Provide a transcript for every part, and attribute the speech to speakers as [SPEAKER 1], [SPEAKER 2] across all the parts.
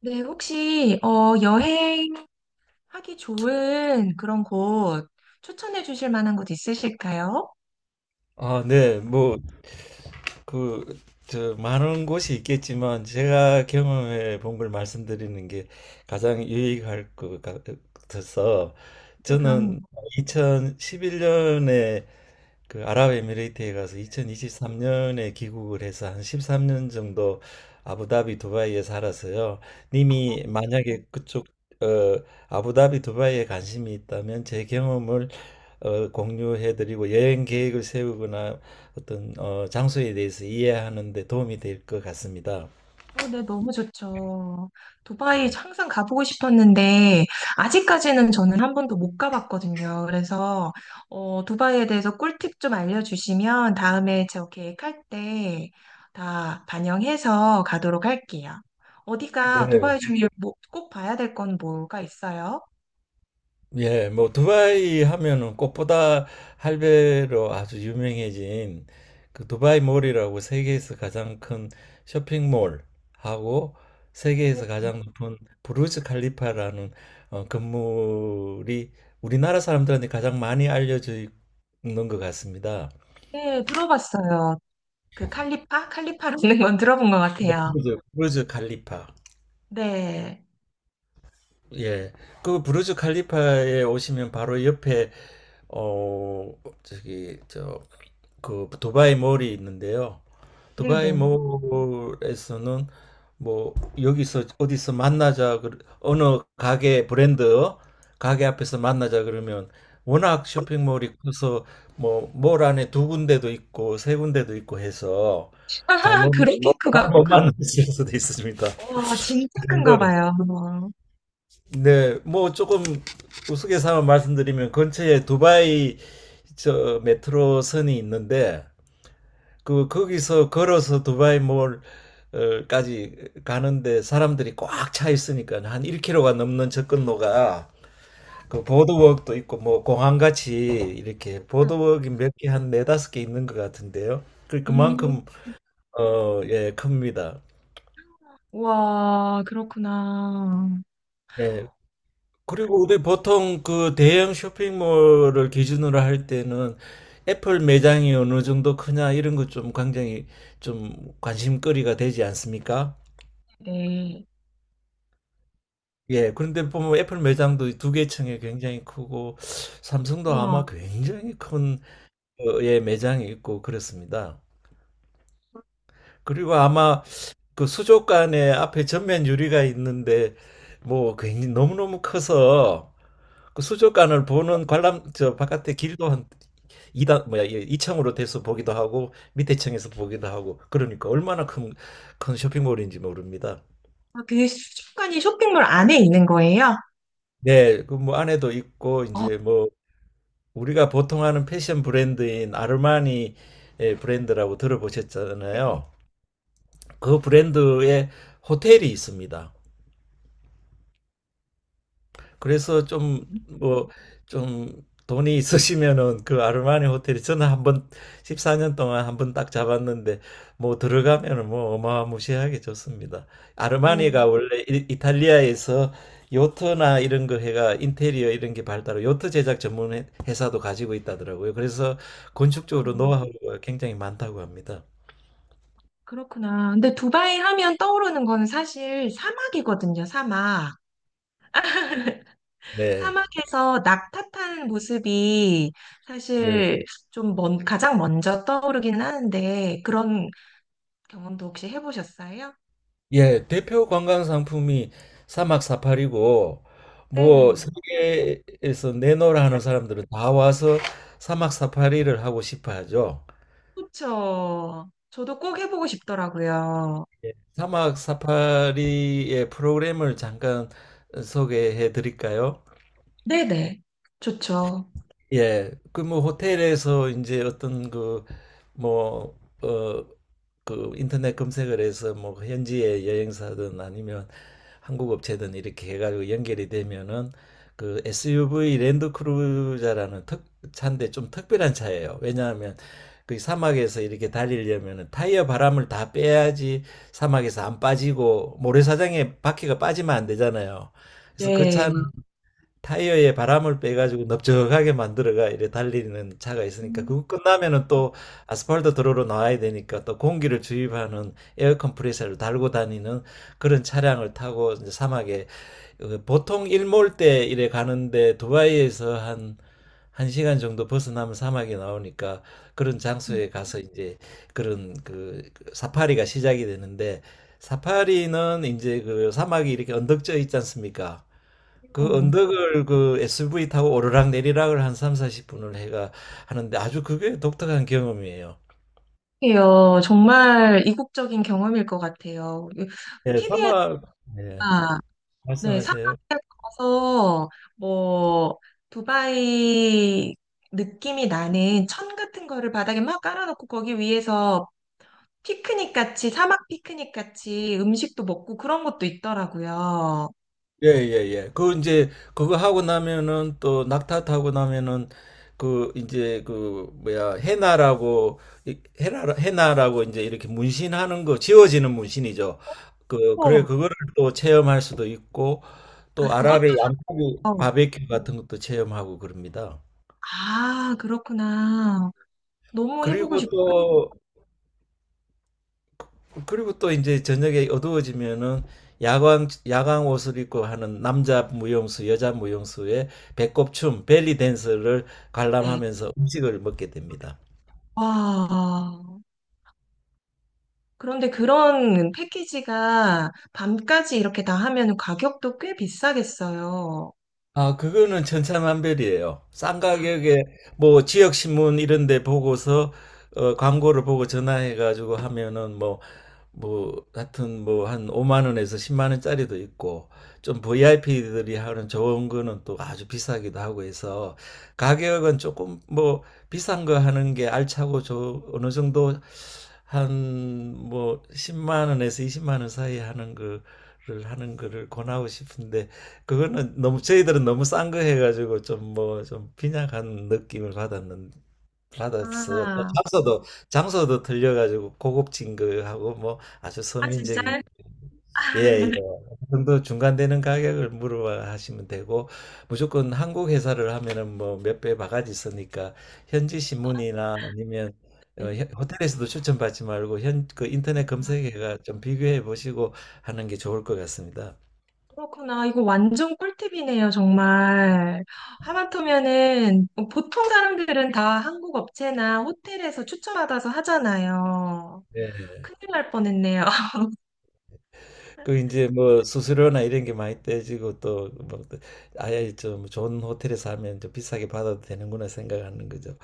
[SPEAKER 1] 네, 혹시 여행하기 좋은 그런 곳 추천해 주실 만한 곳 있으실까요?
[SPEAKER 2] 아, 네. 뭐, 그, 저, 많은 곳이 있겠지만, 제가 경험해 본 걸 말씀드리는 게 가장 유익할 것 같아서,
[SPEAKER 1] 네, 그럼
[SPEAKER 2] 저는 2011년에 그 아랍에미레이트에 가서 2023년에 귀국을 해서 한 13년 정도 아부다비 두바이에 살아서요. 님이 만약에 그쪽 어, 아부다비 두바이에 관심이 있다면 제 경험을 공유해드리고 여행 계획을 세우거나 어떤 장소에 대해서 이해하는 데 도움이 될 것 같습니다.
[SPEAKER 1] 네, 너무 좋죠. 두바이 항상 가보고 싶었는데 아직까지는 저는 한 번도 못 가봤거든요. 그래서 두바이에 대해서 꿀팁 좀 알려주시면 다음에 제 계획할 때 다 반영해서 가도록 할게요. 어디가
[SPEAKER 2] 네.
[SPEAKER 1] 두바이 중에 뭐, 꼭 봐야 될 건 뭐가 있어요?
[SPEAKER 2] 예, 뭐 두바이 하면은 꽃보다 할배로 아주 유명해진 그 두바이 몰이라고 세계에서 가장 큰 쇼핑몰하고 세계에서 가장 높은 부르즈 칼리파라는 건물이 우리나라 사람들한테 가장 많이 알려져 있는 것 같습니다.
[SPEAKER 1] 네, 들어봤어요. 그 칼리파? 칼리파라는 건 들어본 것 같아요.
[SPEAKER 2] 브루 부르즈 칼리파.
[SPEAKER 1] 네.
[SPEAKER 2] 예. 그 부르즈 칼리파에 오시면 바로 옆에 어 저기 저 그 두바이 몰이 있는데요. 두바이
[SPEAKER 1] 네네.
[SPEAKER 2] 몰에서는 뭐 여기서 어디서 만나자 그 어느 가게 브랜드 가게 앞에서 만나자 그러면 워낙 쇼핑몰이 커서 뭐 몰 안에 두 군데도 있고 세 군데도 있고 해서 잘못
[SPEAKER 1] 그런 너, 크가
[SPEAKER 2] 잘못
[SPEAKER 1] 그,
[SPEAKER 2] 만났을 수도 있습니다.
[SPEAKER 1] 와, 진짜
[SPEAKER 2] 그
[SPEAKER 1] 큰가
[SPEAKER 2] 정도로.
[SPEAKER 1] 봐요.
[SPEAKER 2] 네, 뭐 조금 우스갯소리 말씀드리면 근처에 두바이 저 메트로선이 있는데 그 거기서 걸어서 두바이 몰까지 가는데 사람들이 꽉 차 있으니까 한 1km가 넘는 접근로가, 그 보드워크도 있고 뭐 공항 같이 이렇게 보드워크이 몇 개, 한 네다섯 개 있는 것 같은데요. 그
[SPEAKER 1] 음,
[SPEAKER 2] 그만큼 예 큽니다.
[SPEAKER 1] 와, 그렇구나.
[SPEAKER 2] 예. 그리고 우리 보통 그 대형 쇼핑몰을 기준으로 할 때는 애플 매장이 어느 정도 크냐 이런 것 좀 굉장히, 좀 관심거리가 되지 않습니까?
[SPEAKER 1] 네.
[SPEAKER 2] 예, 그런데 보면 애플 매장도 두 개 층에 굉장히 크고, 삼성도 아마
[SPEAKER 1] 와,
[SPEAKER 2] 굉장히 큰 예, 매장이 있고 그렇습니다. 그리고 아마 그 수족관에 앞에 전면 유리가 있는데 뭐 굉장히 너무너무 커서 그 수족관을 보는 관람, 저 바깥에 길도 한 2단, 뭐야, 예, 층으로 돼서 보기도 하고 밑에 층에서 보기도 하고, 그러니까 얼마나 큰 쇼핑몰인지 모릅니다.
[SPEAKER 1] 아, 그 수족관이 쇼핑몰 안에 있는 거예요?
[SPEAKER 2] 네, 그 뭐 안에도 있고,
[SPEAKER 1] 어,
[SPEAKER 2] 이제 뭐 우리가 보통 하는 패션 브랜드인 아르마니, 브랜드라고 들어보셨잖아요. 그 브랜드의 호텔이 있습니다. 그래서 좀 뭐, 좀 돈이 있으시면은 그 아르마니 호텔이, 저는 한번 14년 동안 한번 딱 잡았는데, 뭐 들어가면은 뭐 어마무시하게 좋습니다.
[SPEAKER 1] 오,
[SPEAKER 2] 아르마니가 원래 이탈리아에서 요트나 이런 거 해가 인테리어 이런 게 발달하고, 요트 제작 전문 회사도 가지고 있다더라고요. 그래서 건축적으로 노하우가 굉장히 많다고 합니다.
[SPEAKER 1] 그렇구나. 근데 두바이 하면 떠오르는 거는 사실 사막이거든요, 사막.
[SPEAKER 2] 네.
[SPEAKER 1] 사막에서 낙타 탄 모습이
[SPEAKER 2] 네.
[SPEAKER 1] 사실 좀 먼, 가장 먼저 떠오르긴 하는데 그런 경험도 혹시 해보셨어요?
[SPEAKER 2] 예, 대표 관광 상품이 사막 사파리고, 뭐
[SPEAKER 1] 네.
[SPEAKER 2] 세계에서 내노라 하는 사람들은 다 와서 사막 사파리를 하고 싶어 하죠.
[SPEAKER 1] 그렇죠. 저도 꼭 해보고 싶더라고요.
[SPEAKER 2] 예, 사막 사파리의 프로그램을 잠깐 소개해 드릴까요?
[SPEAKER 1] 네네. 좋죠.
[SPEAKER 2] 예, 그 뭐 호텔에서 이제 어떤 그뭐어그 인터넷 검색을 해서 뭐 현지의 여행사든, 아니면 한국 업체든 이렇게 해가지고 연결이 되면은, 그 SUV 랜드크루저라는 특 차인데, 좀 특별한 차예요. 왜냐하면 그 사막에서 이렇게 달리려면은 타이어 바람을 다 빼야지, 사막에서 안 빠지고, 모래사장에 바퀴가 빠지면 안 되잖아요. 그래서 그 차는
[SPEAKER 1] 네.
[SPEAKER 2] 타이어에 바람을 빼가지고 넓적하게 만들어가 이래 달리는 차가 있으니까,
[SPEAKER 1] 음.
[SPEAKER 2] 그거 끝나면은 또 아스팔트 도로로 나와야 되니까 또 공기를 주입하는 에어 컴프레서를 달고 다니는 그런 차량을 타고 이제 사막에, 보통 일몰 때 이래 가는데, 두바이에서 한 1시간 정도 벗어나면 사막이 나오니까, 그런
[SPEAKER 1] 음,
[SPEAKER 2] 장소에 가서 이제 그런 그 사파리가 시작이 되는데, 사파리는 이제 그 사막이 이렇게 언덕져 있지 않습니까? 그 언덕을 그 SUV 타고 오르락 내리락을 한 3, 40분을 해가 하는데, 아주 그게 독특한 경험이에요.
[SPEAKER 1] 이게요. 정말 이국적인 경험일 것 같아요.
[SPEAKER 2] 예,
[SPEAKER 1] TV에서
[SPEAKER 2] 사막. 예,
[SPEAKER 1] 네, 사막에
[SPEAKER 2] 말씀하세요.
[SPEAKER 1] 가서 뭐 두바이 느낌이 나는 천 같은 거를 바닥에 막 깔아놓고 거기 위에서 피크닉 같이 사막 피크닉 같이 음식도 먹고 그런 것도 있더라고요.
[SPEAKER 2] 예, 예, 예. 그 이제 그거 하고 나면은 또 낙타 타고 나면은, 그 이제 그 뭐야, 해나라고, 해나, 해나라고 이제 이렇게 문신하는 거, 지워지는 문신이죠. 그 그래
[SPEAKER 1] 어,
[SPEAKER 2] 그거를 또 체험할 수도 있고,
[SPEAKER 1] 아
[SPEAKER 2] 또
[SPEAKER 1] 그것도
[SPEAKER 2] 아랍의 양고기
[SPEAKER 1] 사- 어.
[SPEAKER 2] 바베큐 같은 것도 체험하고 그럽니다.
[SPEAKER 1] 아 그렇구나. 너무 해보고
[SPEAKER 2] 그리고
[SPEAKER 1] 싶어가지고.
[SPEAKER 2] 또 그리고 또 이제 저녁에 어두워지면은, 야광, 야광 옷을 입고 하는 남자 무용수, 여자 무용수의 배꼽춤, 벨리 댄스를
[SPEAKER 1] 네.
[SPEAKER 2] 관람하면서 음식을 먹게 됩니다.
[SPEAKER 1] 와. 그런데 그런 패키지가 밤까지 이렇게 다 하면 가격도 꽤 비싸겠어요.
[SPEAKER 2] 아, 그거는 천차만별이에요. 싼
[SPEAKER 1] 아.
[SPEAKER 2] 가격에 뭐 지역 신문 이런 데 보고서 광고를 보고 전화해 가지고 하면은 뭐 하여튼 뭐 한 5만 원에서 10만 원짜리도 있고, 좀 VIP들이 하는 좋은 거는 또 아주 비싸기도 하고 해서, 가격은 조금 뭐 비싼 거 하는 게 알차고, 저 어느 정도 한 뭐 10만 원에서 20만 원 사이 하는 거를 권하고 싶은데, 그거는 너무, 저희들은 너무 싼 거 해가지고 좀 뭐, 좀 빈약한 느낌을 받았는 받았어요. 또 장소도 틀려가지고 고급진 거하고 뭐 아주 서민적인, 예예, 그 정도 중간되는 가격을 물어봐 하시면 되고, 무조건 한국 회사를 하면은 뭐 몇 배 바가지 있으니까 현지 신문이나, 아니면 호텔에서도 추천받지 말고 현 그 인터넷 검색해가 좀 비교해 보시고 하는 게 좋을 것 같습니다.
[SPEAKER 1] 그렇구나. 이거 완전 꿀팁이네요, 정말. 하마터면은 뭐 보통 사람들은 다 한국 업체나 호텔에서 추천받아서 하잖아요.
[SPEAKER 2] 네.
[SPEAKER 1] 큰일 날 뻔했네요.
[SPEAKER 2] 그 이제 뭐 수수료나 이런 게 많이 떼지고 또뭐 아예 좀 좋은 호텔에서 하면 좀 비싸게 받아도 되는구나 생각하는 거죠.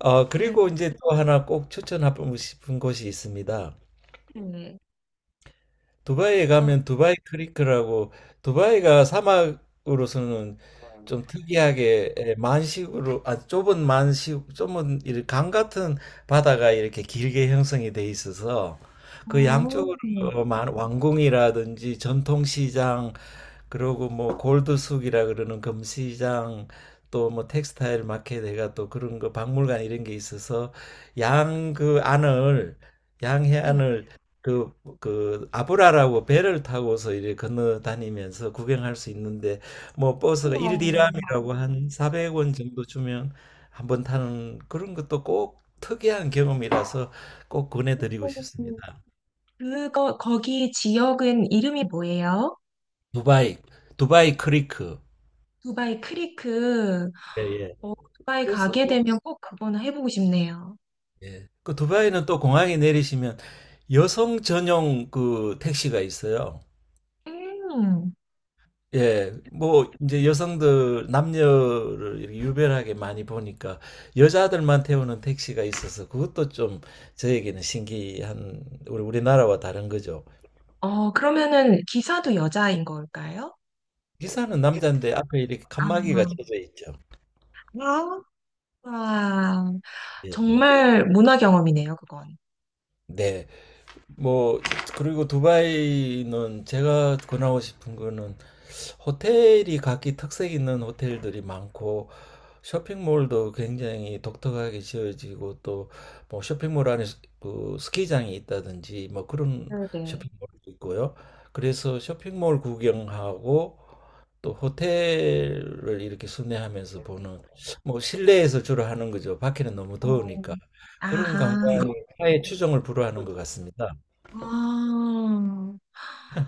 [SPEAKER 1] 네.
[SPEAKER 2] 그리고 이제 또 하나 꼭 추천하고 싶은 곳이 있습니다.
[SPEAKER 1] 네.
[SPEAKER 2] 두바이에
[SPEAKER 1] 또-
[SPEAKER 2] 가면 두바이 크리크라고, 두바이가 사막으로서는 좀 특이하게 만식으로, 좁은 만식, 좁은 이강 같은 바다가 이렇게 길게 형성이 돼 있어서, 그
[SPEAKER 1] 어,
[SPEAKER 2] 양쪽으로
[SPEAKER 1] 네.
[SPEAKER 2] 왕궁이라든지, 전통시장, 그리고 뭐 골드숙이라 그러는 금시장, 또 뭐 텍스타일 마켓에가, 또 그런 거 박물관 이런 게 있어서, 양 그 안을 양해안을 그 그 아브라라고 배를 타고서 이렇게 건너 다니면서 구경할 수 있는데, 뭐 버스가 일디람이
[SPEAKER 1] 우와.
[SPEAKER 2] 라고 한 400원 정도 주면 한번 타는, 그런 것도 꼭 특이한 경험이라서 꼭 권해드리고 싶습니다.
[SPEAKER 1] 그거, 거기 지역은 이름이 뭐예요?
[SPEAKER 2] 두바이, 두바이 크리크.
[SPEAKER 1] 두바이 크리크.
[SPEAKER 2] 예, 예.
[SPEAKER 1] 어, 두바이
[SPEAKER 2] 그래서
[SPEAKER 1] 가게
[SPEAKER 2] 뭐,
[SPEAKER 1] 되면 꼭 그거는 해보고 싶네요.
[SPEAKER 2] 예. 그 두바이는 또 공항에 내리시면 여성 전용 그 택시가 있어요.
[SPEAKER 1] 음.
[SPEAKER 2] 예, 뭐 이제 여성들, 남녀를 이렇게 유별하게 많이 보니까 여자들만 태우는 택시가 있어서, 그것도 좀 저에게는 신기한, 우리나라와 다른 거죠.
[SPEAKER 1] 어, 그러면은 기사도 여자인 걸까요?
[SPEAKER 2] 기사는 남자인데 앞에 이렇게
[SPEAKER 1] 아.
[SPEAKER 2] 칸막이가 쳐져 있죠.
[SPEAKER 1] 아, 아,
[SPEAKER 2] 예.
[SPEAKER 1] 정말 문화 경험이네요, 그건.
[SPEAKER 2] 네, 뭐 그리고 두바이는 제가 권하고 싶은 거는, 호텔이 각기 특색 있는 호텔들이 많고, 쇼핑몰도 굉장히 독특하게 지어지고, 또 뭐 쇼핑몰 안에 그 스키장이 있다든지 뭐 그런
[SPEAKER 1] 네네.
[SPEAKER 2] 쇼핑몰도 있고요. 그래서 쇼핑몰 구경하고, 또 호텔을 이렇게 순회하면서 보는, 뭐 실내에서 주로 하는 거죠. 밖에는 너무
[SPEAKER 1] 어,
[SPEAKER 2] 더우니까. 그런
[SPEAKER 1] 아하.
[SPEAKER 2] 관광이 타의 추종을 불허하는 것 같습니다.
[SPEAKER 1] 아,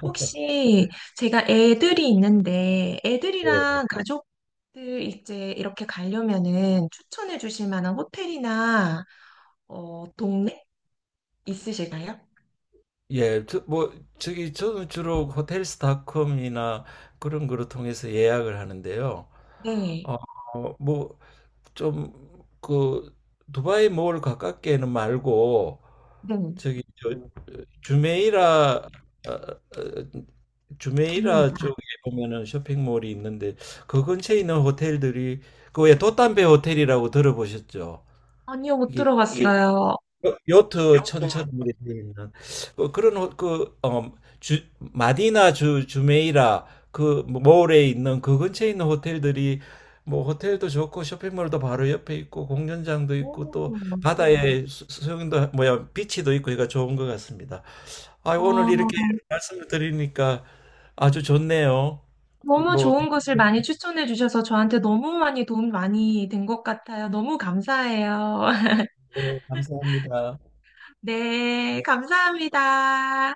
[SPEAKER 1] 혹시 제가 애들이 있는데
[SPEAKER 2] 예.
[SPEAKER 1] 애들이랑 가족들 이제 이렇게 가려면은 추천해 주실 만한 호텔이나 동네 있으실까요?
[SPEAKER 2] 예, 저, 뭐, 저기, 저는 주로 호텔스닷컴이나 그런 거를 통해서 예약을 하는데요.
[SPEAKER 1] 네,
[SPEAKER 2] 어, 뭐, 좀, 그, 두바이 몰 가깝게는 말고,
[SPEAKER 1] 네,
[SPEAKER 2] 저기, 저, 주메이라, 어,
[SPEAKER 1] 네.
[SPEAKER 2] 주메이라 쪽에 보면은 쇼핑몰이 있는데, 그 근처에 있는 호텔들이, 그왜 돛담배 호텔이라고 들어보셨죠?
[SPEAKER 1] 아니요, 못 들어봤어요.
[SPEAKER 2] 요트 천처럼 이렇게 되어 있는 그런 그 마디나 주 주메이라 그 몰에 있는 그 근처에 있는 호텔들이 뭐 호텔도 좋고, 쇼핑몰도 바로 옆에 있고, 공연장도 있고, 또
[SPEAKER 1] 오,
[SPEAKER 2] 바다에 수영도 뭐야, 비치도 있고 그러니까 좋은 것 같습니다. 아, 오늘 이렇게
[SPEAKER 1] 아,
[SPEAKER 2] 말씀을 드리니까 아주 좋네요.
[SPEAKER 1] 너무
[SPEAKER 2] 뭐,
[SPEAKER 1] 좋은 곳을 많이 추천해 주셔서 저한테 너무 많이 도움 많이 된 것 같아요. 너무 감사해요.
[SPEAKER 2] 네, 감사합니다.
[SPEAKER 1] 네, 감사합니다.